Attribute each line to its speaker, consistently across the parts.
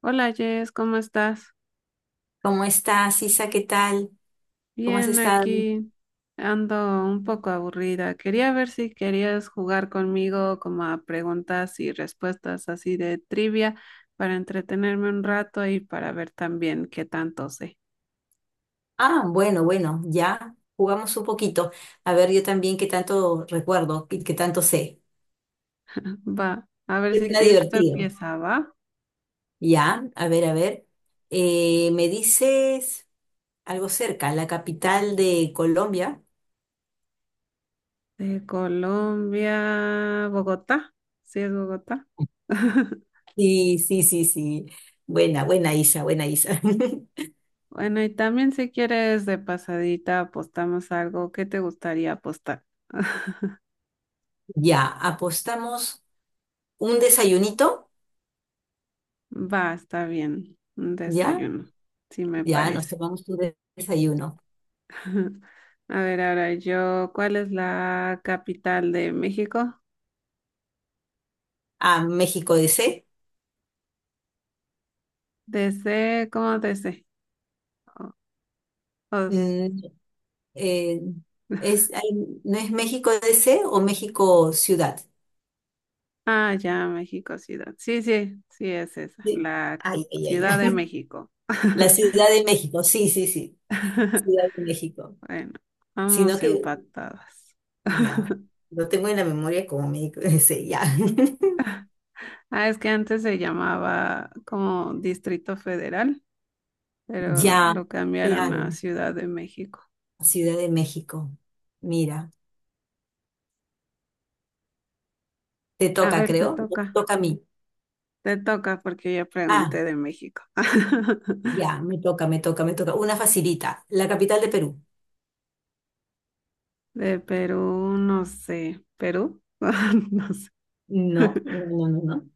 Speaker 1: Hola Jess, ¿cómo estás?
Speaker 2: ¿Cómo estás, Isa? ¿Qué tal? ¿Cómo has
Speaker 1: Bien,
Speaker 2: estado?
Speaker 1: aquí ando un poco aburrida. Quería ver si querías jugar conmigo como a preguntas y respuestas así de trivia para entretenerme un rato y para ver también qué tanto sé.
Speaker 2: Ah, bueno, bueno, ya jugamos un poquito. A ver, yo también qué tanto recuerdo y qué tanto sé.
Speaker 1: Va, a ver si
Speaker 2: Suena
Speaker 1: quieres, tú
Speaker 2: divertido.
Speaker 1: empieza, ¿va?
Speaker 2: Ya, a ver, a ver. ¿Me dices algo cerca, la capital de Colombia?
Speaker 1: De Colombia, Bogotá. Sí, es Bogotá.
Speaker 2: Sí, sí, sí, sí. Buena, buena Isa, buena Isa.
Speaker 1: Bueno, y también si quieres de pasadita apostamos algo. ¿Qué te gustaría apostar?
Speaker 2: Ya, apostamos un desayunito,
Speaker 1: Va, está bien. Un
Speaker 2: ¿ya?
Speaker 1: desayuno, sí me
Speaker 2: Ya, nos
Speaker 1: parece.
Speaker 2: tomamos un desayuno.
Speaker 1: A ver, ahora yo, ¿cuál es la capital de México?
Speaker 2: A México DC.
Speaker 1: DC, ¿cómo DC? O- os-
Speaker 2: Eh, es, hay- ¿No es México D. C. o México Ciudad?
Speaker 1: ah, ya, México Ciudad. Sí, sí, sí es esa,
Speaker 2: ¿Sí?
Speaker 1: la
Speaker 2: Ay, ay, ay, ay.
Speaker 1: Ciudad de México.
Speaker 2: La Ciudad de México, sí, sí, sí. Ciudad de México.
Speaker 1: Bueno,
Speaker 2: Sino
Speaker 1: vamos
Speaker 2: que,
Speaker 1: empatadas.
Speaker 2: ya, Lo tengo en la memoria como México D. C. ya.
Speaker 1: Ah, es que antes se llamaba como Distrito Federal, pero
Speaker 2: Ya,
Speaker 1: lo cambiaron a
Speaker 2: claro,
Speaker 1: Ciudad de México.
Speaker 2: Ciudad de México. Mira, te
Speaker 1: A
Speaker 2: toca,
Speaker 1: ver,
Speaker 2: creo. Me toca a mí.
Speaker 1: te toca porque ya
Speaker 2: Ah,
Speaker 1: pregunté de México.
Speaker 2: ya, me toca, me toca, me toca. Una facilita, la capital de Perú.
Speaker 1: De Perú, no sé. ¿Perú? No sé.
Speaker 2: No, no, no, no, no.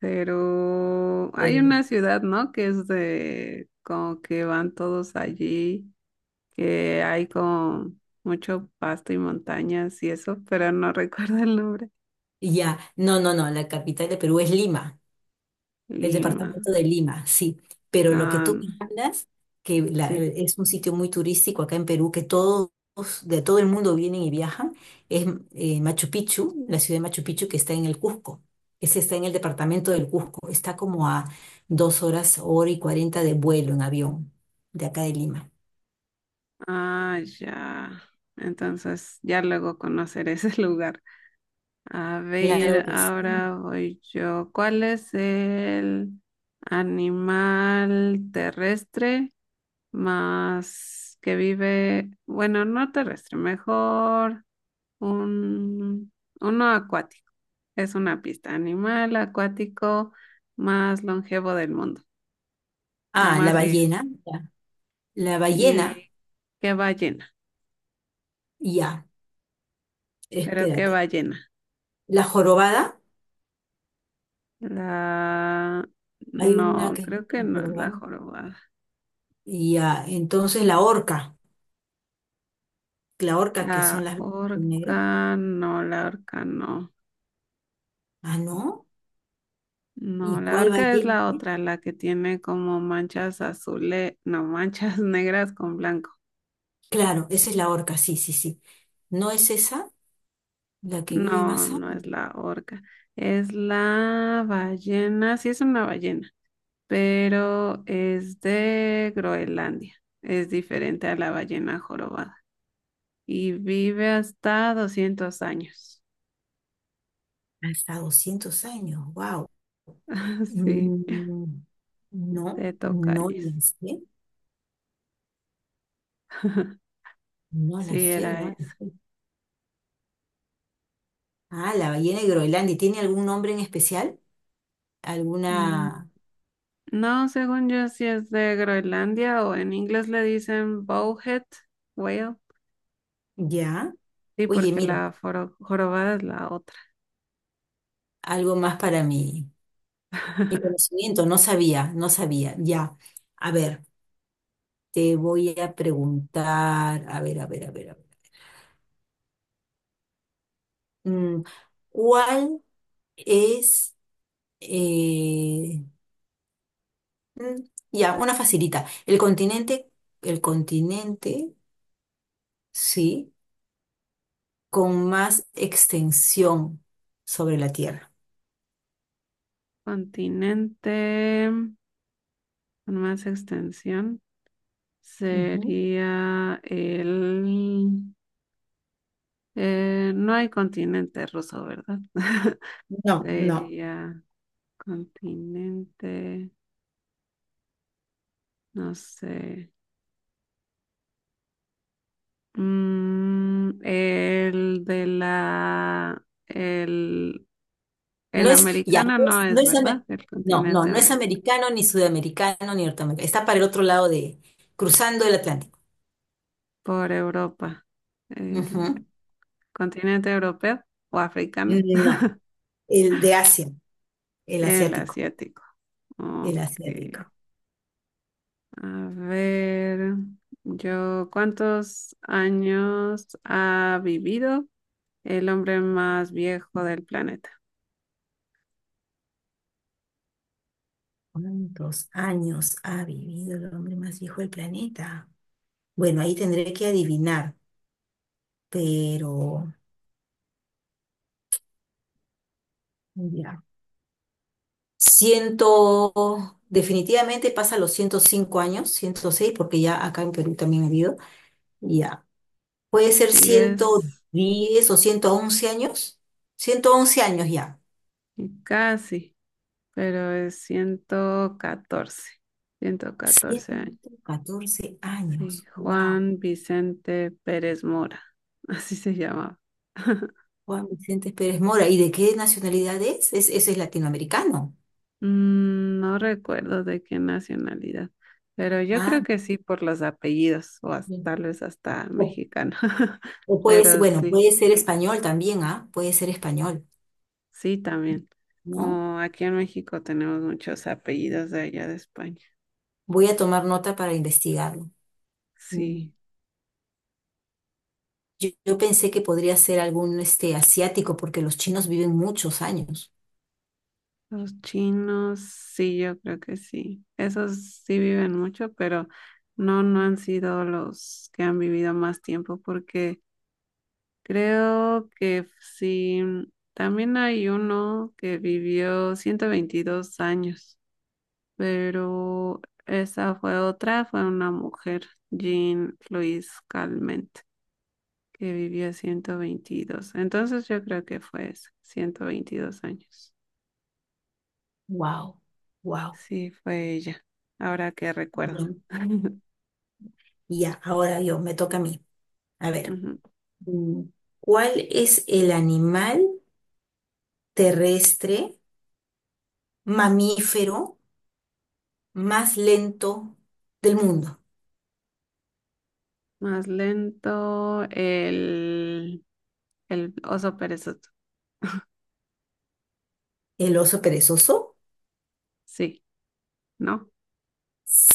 Speaker 1: Pero hay
Speaker 2: Eh,
Speaker 1: una ciudad, ¿no? Que es de como que van todos allí, que hay como mucho pasto y montañas y eso, pero no recuerdo el nombre.
Speaker 2: ya, no, no, no, la capital de Perú es Lima. Del
Speaker 1: Lima.
Speaker 2: departamento de Lima, sí. Pero lo que
Speaker 1: Ah,
Speaker 2: tú
Speaker 1: no,
Speaker 2: me hablas,
Speaker 1: sí.
Speaker 2: es un sitio muy turístico acá en Perú, que todos de todo el mundo vienen y viajan, es Machu Picchu, la ciudad de Machu Picchu que está en el Cusco. Ese está en el departamento del Cusco. Está como a 2 horas, 1 h 40 de vuelo en avión de acá de Lima.
Speaker 1: Ah, ya. Entonces ya luego conoceré ese lugar. A
Speaker 2: Claro
Speaker 1: ver,
Speaker 2: que sí.
Speaker 1: ahora voy yo. ¿Cuál es el animal terrestre más que vive, bueno, no terrestre, mejor un, uno acuático? Es una pista. Animal acuático más longevo del mundo, o
Speaker 2: Ah, la
Speaker 1: más viejo.
Speaker 2: ballena. Ya. La ballena,
Speaker 1: ¿Y qué ballena?
Speaker 2: ya.
Speaker 1: ¿Pero qué
Speaker 2: Espérate.
Speaker 1: ballena?
Speaker 2: La jorobada.
Speaker 1: La...
Speaker 2: Hay una
Speaker 1: No,
Speaker 2: que
Speaker 1: creo que
Speaker 2: es
Speaker 1: no es la
Speaker 2: jorobada.
Speaker 1: jorobada.
Speaker 2: Y ah, entonces la orca
Speaker 1: La
Speaker 2: que son las blancas y
Speaker 1: orca,
Speaker 2: negro.
Speaker 1: no, la orca no.
Speaker 2: Ah, no.
Speaker 1: No,
Speaker 2: ¿Y
Speaker 1: la
Speaker 2: cuál
Speaker 1: orca es
Speaker 2: ballena?
Speaker 1: la otra, la que tiene como manchas azules, no, manchas negras con blanco.
Speaker 2: Claro, esa es la orca, sí, sí, sí. ¿No es esa la que vive
Speaker 1: No,
Speaker 2: más años?
Speaker 1: no es la orca. Es la ballena, sí es una ballena, pero es de Groenlandia. Es diferente a la ballena jorobada y vive hasta 200 años.
Speaker 2: Hasta 200 años, wow.
Speaker 1: Sí,
Speaker 2: No, no
Speaker 1: te toca, Jess.
Speaker 2: la sé, no la
Speaker 1: Sí,
Speaker 2: sé,
Speaker 1: era
Speaker 2: no la sé. Ah, la ballena de Groenlandia, ¿tiene algún nombre en especial?
Speaker 1: eso.
Speaker 2: ¿Alguna?
Speaker 1: No, según yo, sí es de Groenlandia o en inglés le dicen bowhead whale.
Speaker 2: Ya.
Speaker 1: Sí,
Speaker 2: Oye,
Speaker 1: porque
Speaker 2: mira,
Speaker 1: la jorobada es la otra.
Speaker 2: algo más para mi, mi conocimiento, no sabía, no sabía, ya. A ver. Te voy a preguntar, a ver, a ver, a ver, a ver. mm, ¿Cuál es, eh, mm, ya, una facilita, el continente, sí, con más extensión sobre la Tierra?
Speaker 1: Continente con más extensión
Speaker 2: Ujú.
Speaker 1: sería el... Eh, no hay continente ruso, ¿verdad?
Speaker 2: No, no,
Speaker 1: Sería continente, no sé. Mm, el de la, el,
Speaker 2: no
Speaker 1: el
Speaker 2: es, ya, no
Speaker 1: americano no
Speaker 2: es,
Speaker 1: es, ¿verdad? El
Speaker 2: no, no,
Speaker 1: continente
Speaker 2: no es
Speaker 1: americano.
Speaker 2: americano, ni sudamericano, ni norteamericano. Está para el otro lado de, cruzando el Atlántico.
Speaker 1: Por Europa.
Speaker 2: Ujú.
Speaker 1: El continente europeo o africano.
Speaker 2: No. El de Asia, el
Speaker 1: El
Speaker 2: asiático.
Speaker 1: asiático.
Speaker 2: El
Speaker 1: Ok.
Speaker 2: asiático.
Speaker 1: A ver, yo, ¿cuántos años ha vivido el hombre más viejo del planeta?
Speaker 2: ¿Cuántos años ha vivido el hombre más viejo del planeta? Bueno, ahí tendré que adivinar, pero ya. Ciento, definitivamente pasa los 105 años, 106 porque ya acá en Perú también ha habido. Ya. Puede ser
Speaker 1: Sí
Speaker 2: ciento
Speaker 1: es
Speaker 2: diez o 111 años. 111 años ya.
Speaker 1: y casi. Pero es 114, 114 años.
Speaker 2: ciento catorce
Speaker 1: Sí,
Speaker 2: años. Wow.
Speaker 1: Juan Vicente Pérez Mora, así se llamaba.
Speaker 2: Juan Vicente Pérez Mora. ¿Y de qué nacionalidad es? Es, ese es latinoamericano.
Speaker 1: No recuerdo de qué nacionalidad, pero yo
Speaker 2: Ah,
Speaker 1: creo que sí por los apellidos o hasta,
Speaker 2: bien.
Speaker 1: tal vez hasta
Speaker 2: O,
Speaker 1: mexicano.
Speaker 2: o puede ser,
Speaker 1: Pero
Speaker 2: bueno,
Speaker 1: sí,
Speaker 2: puede ser español también, ¿ah? Puede ser español,
Speaker 1: sí también.
Speaker 2: ¿no?
Speaker 1: Como aquí en México tenemos muchos apellidos de allá de España.
Speaker 2: Voy a tomar nota para investigarlo. Mm.
Speaker 1: Sí.
Speaker 2: Yo pensé que podría ser algún este, asiático, porque los chinos viven muchos años.
Speaker 1: Los chinos, sí, yo creo que sí. Esos sí viven mucho, pero no, no han sido los que han vivido más tiempo, porque creo que sí, también hay uno que vivió 122 años, pero esa fue otra, fue una mujer, Jean Louise Calment, que vivió 122. Entonces yo creo que fue esa, 122 años.
Speaker 2: Wow, wow.
Speaker 1: Sí, fue ella. Ahora que recuerdo.
Speaker 2: Bien. Y ya, ahora yo, me toca a mí. A ver,
Speaker 1: Ujú.
Speaker 2: mm, ¿cuál es el animal terrestre mamífero más lento del mundo?
Speaker 1: Más lento el oso perezoso.
Speaker 2: ¿El oso perezoso?
Speaker 1: Sí, ¿no?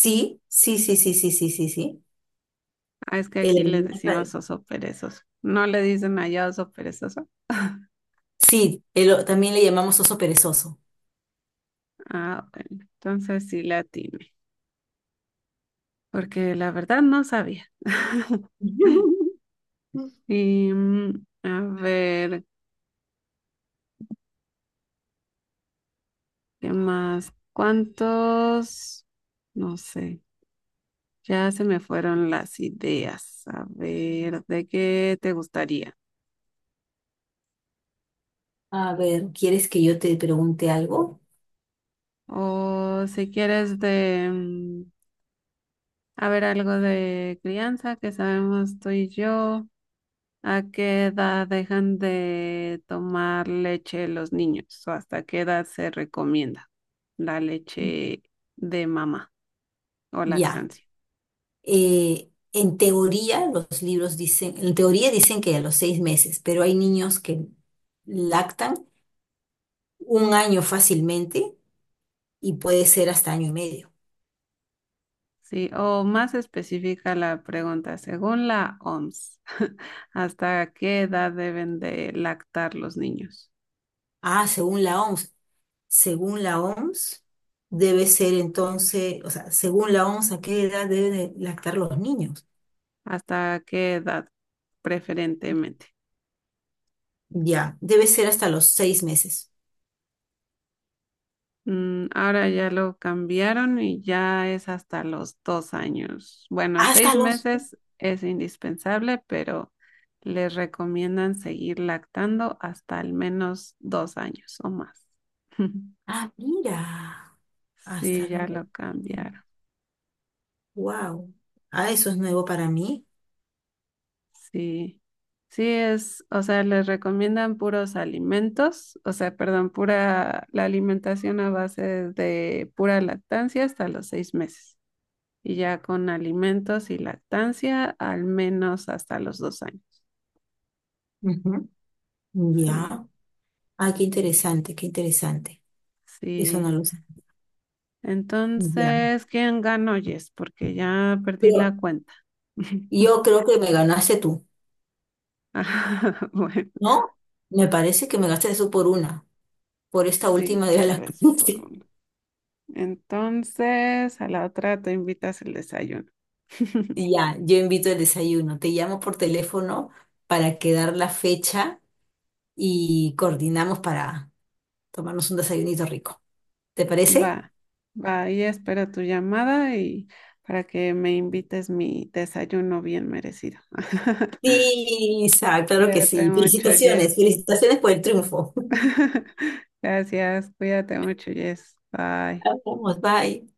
Speaker 2: Sí, sí, sí, sí, sí, sí, sí, sí.
Speaker 1: Ah, es que
Speaker 2: El
Speaker 1: aquí le
Speaker 2: animal padre.
Speaker 1: decimos oso perezoso. ¿No le dicen allá oso perezoso?
Speaker 2: Sí, el también le llamamos oso perezoso.
Speaker 1: Ah, bueno, entonces sí la atiné, porque la verdad no sabía. Y a ver, ¿qué más? ¿Cuántos? No sé. Ya se me fueron las ideas. A ver, ¿de qué te gustaría?
Speaker 2: A ver, ¿quieres que yo te pregunte algo?
Speaker 1: O si quieres de, a ver, algo de crianza que sabemos tú y yo. ¿A qué edad dejan de tomar leche los niños? ¿O hasta qué edad se recomienda la leche de mamá o
Speaker 2: Ya.
Speaker 1: lactancia?
Speaker 2: En teoría, los libros dicen, en teoría dicen que a los 6 meses, pero hay niños que lactan 1 año fácilmente y puede ser hasta año y medio.
Speaker 1: Sí, o más específica la pregunta, según la OMS, ¿hasta qué edad deben de lactar los niños?
Speaker 2: Ah, según la OMS. Según la OMS, debe ser entonces, o sea, según la OMS, ¿a qué edad deben de lactar los niños?
Speaker 1: ¿Hasta qué edad? Preferentemente.
Speaker 2: Ya, debe ser hasta los 6 meses.
Speaker 1: Ahora ya lo cambiaron y ya es hasta los 2 años. Bueno,
Speaker 2: Hasta
Speaker 1: seis
Speaker 2: los...
Speaker 1: meses es indispensable, pero les recomiendan seguir lactando hasta al menos 2 años o más.
Speaker 2: Ah, mira, hasta
Speaker 1: Sí, ya
Speaker 2: los dos.
Speaker 1: lo cambiaron.
Speaker 2: Wow. Ah, eso es nuevo para mí.
Speaker 1: Sí, sí es, o sea, les recomiendan puros alimentos, o sea, perdón, pura la alimentación a base de pura lactancia hasta los 6 meses y ya con alimentos y lactancia al menos hasta los 2 años.
Speaker 2: Ujú.
Speaker 1: Sí,
Speaker 2: Ya. Ah, qué interesante, qué interesante. Eso no
Speaker 1: sí.
Speaker 2: lo sé. Ya.
Speaker 1: Entonces, ¿quién ganó, Yes? Porque ya perdí
Speaker 2: Pero
Speaker 1: la cuenta.
Speaker 2: yo creo que me ganaste tú,
Speaker 1: Ah, bueno,
Speaker 2: ¿no? Me parece que me gastaste tú por una, por esta
Speaker 1: sí,
Speaker 2: última de
Speaker 1: tal
Speaker 2: la
Speaker 1: vez por
Speaker 2: clase.
Speaker 1: uno. Entonces, a la otra te invitas el desayuno.
Speaker 2: Ya, yo invito el desayuno. Te llamo por teléfono para quedar la fecha y coordinamos para tomarnos un desayunito rico. ¿Te parece?
Speaker 1: Va, va, y espero tu llamada y para que me invites mi desayuno bien merecido.
Speaker 2: Sí, Isa, claro que
Speaker 1: Cuídate
Speaker 2: sí.
Speaker 1: mucho,
Speaker 2: Felicitaciones,
Speaker 1: Jess.
Speaker 2: felicitaciones por el triunfo.
Speaker 1: Gracias, cuídate mucho, Jess. Bye.
Speaker 2: Vamos, bye.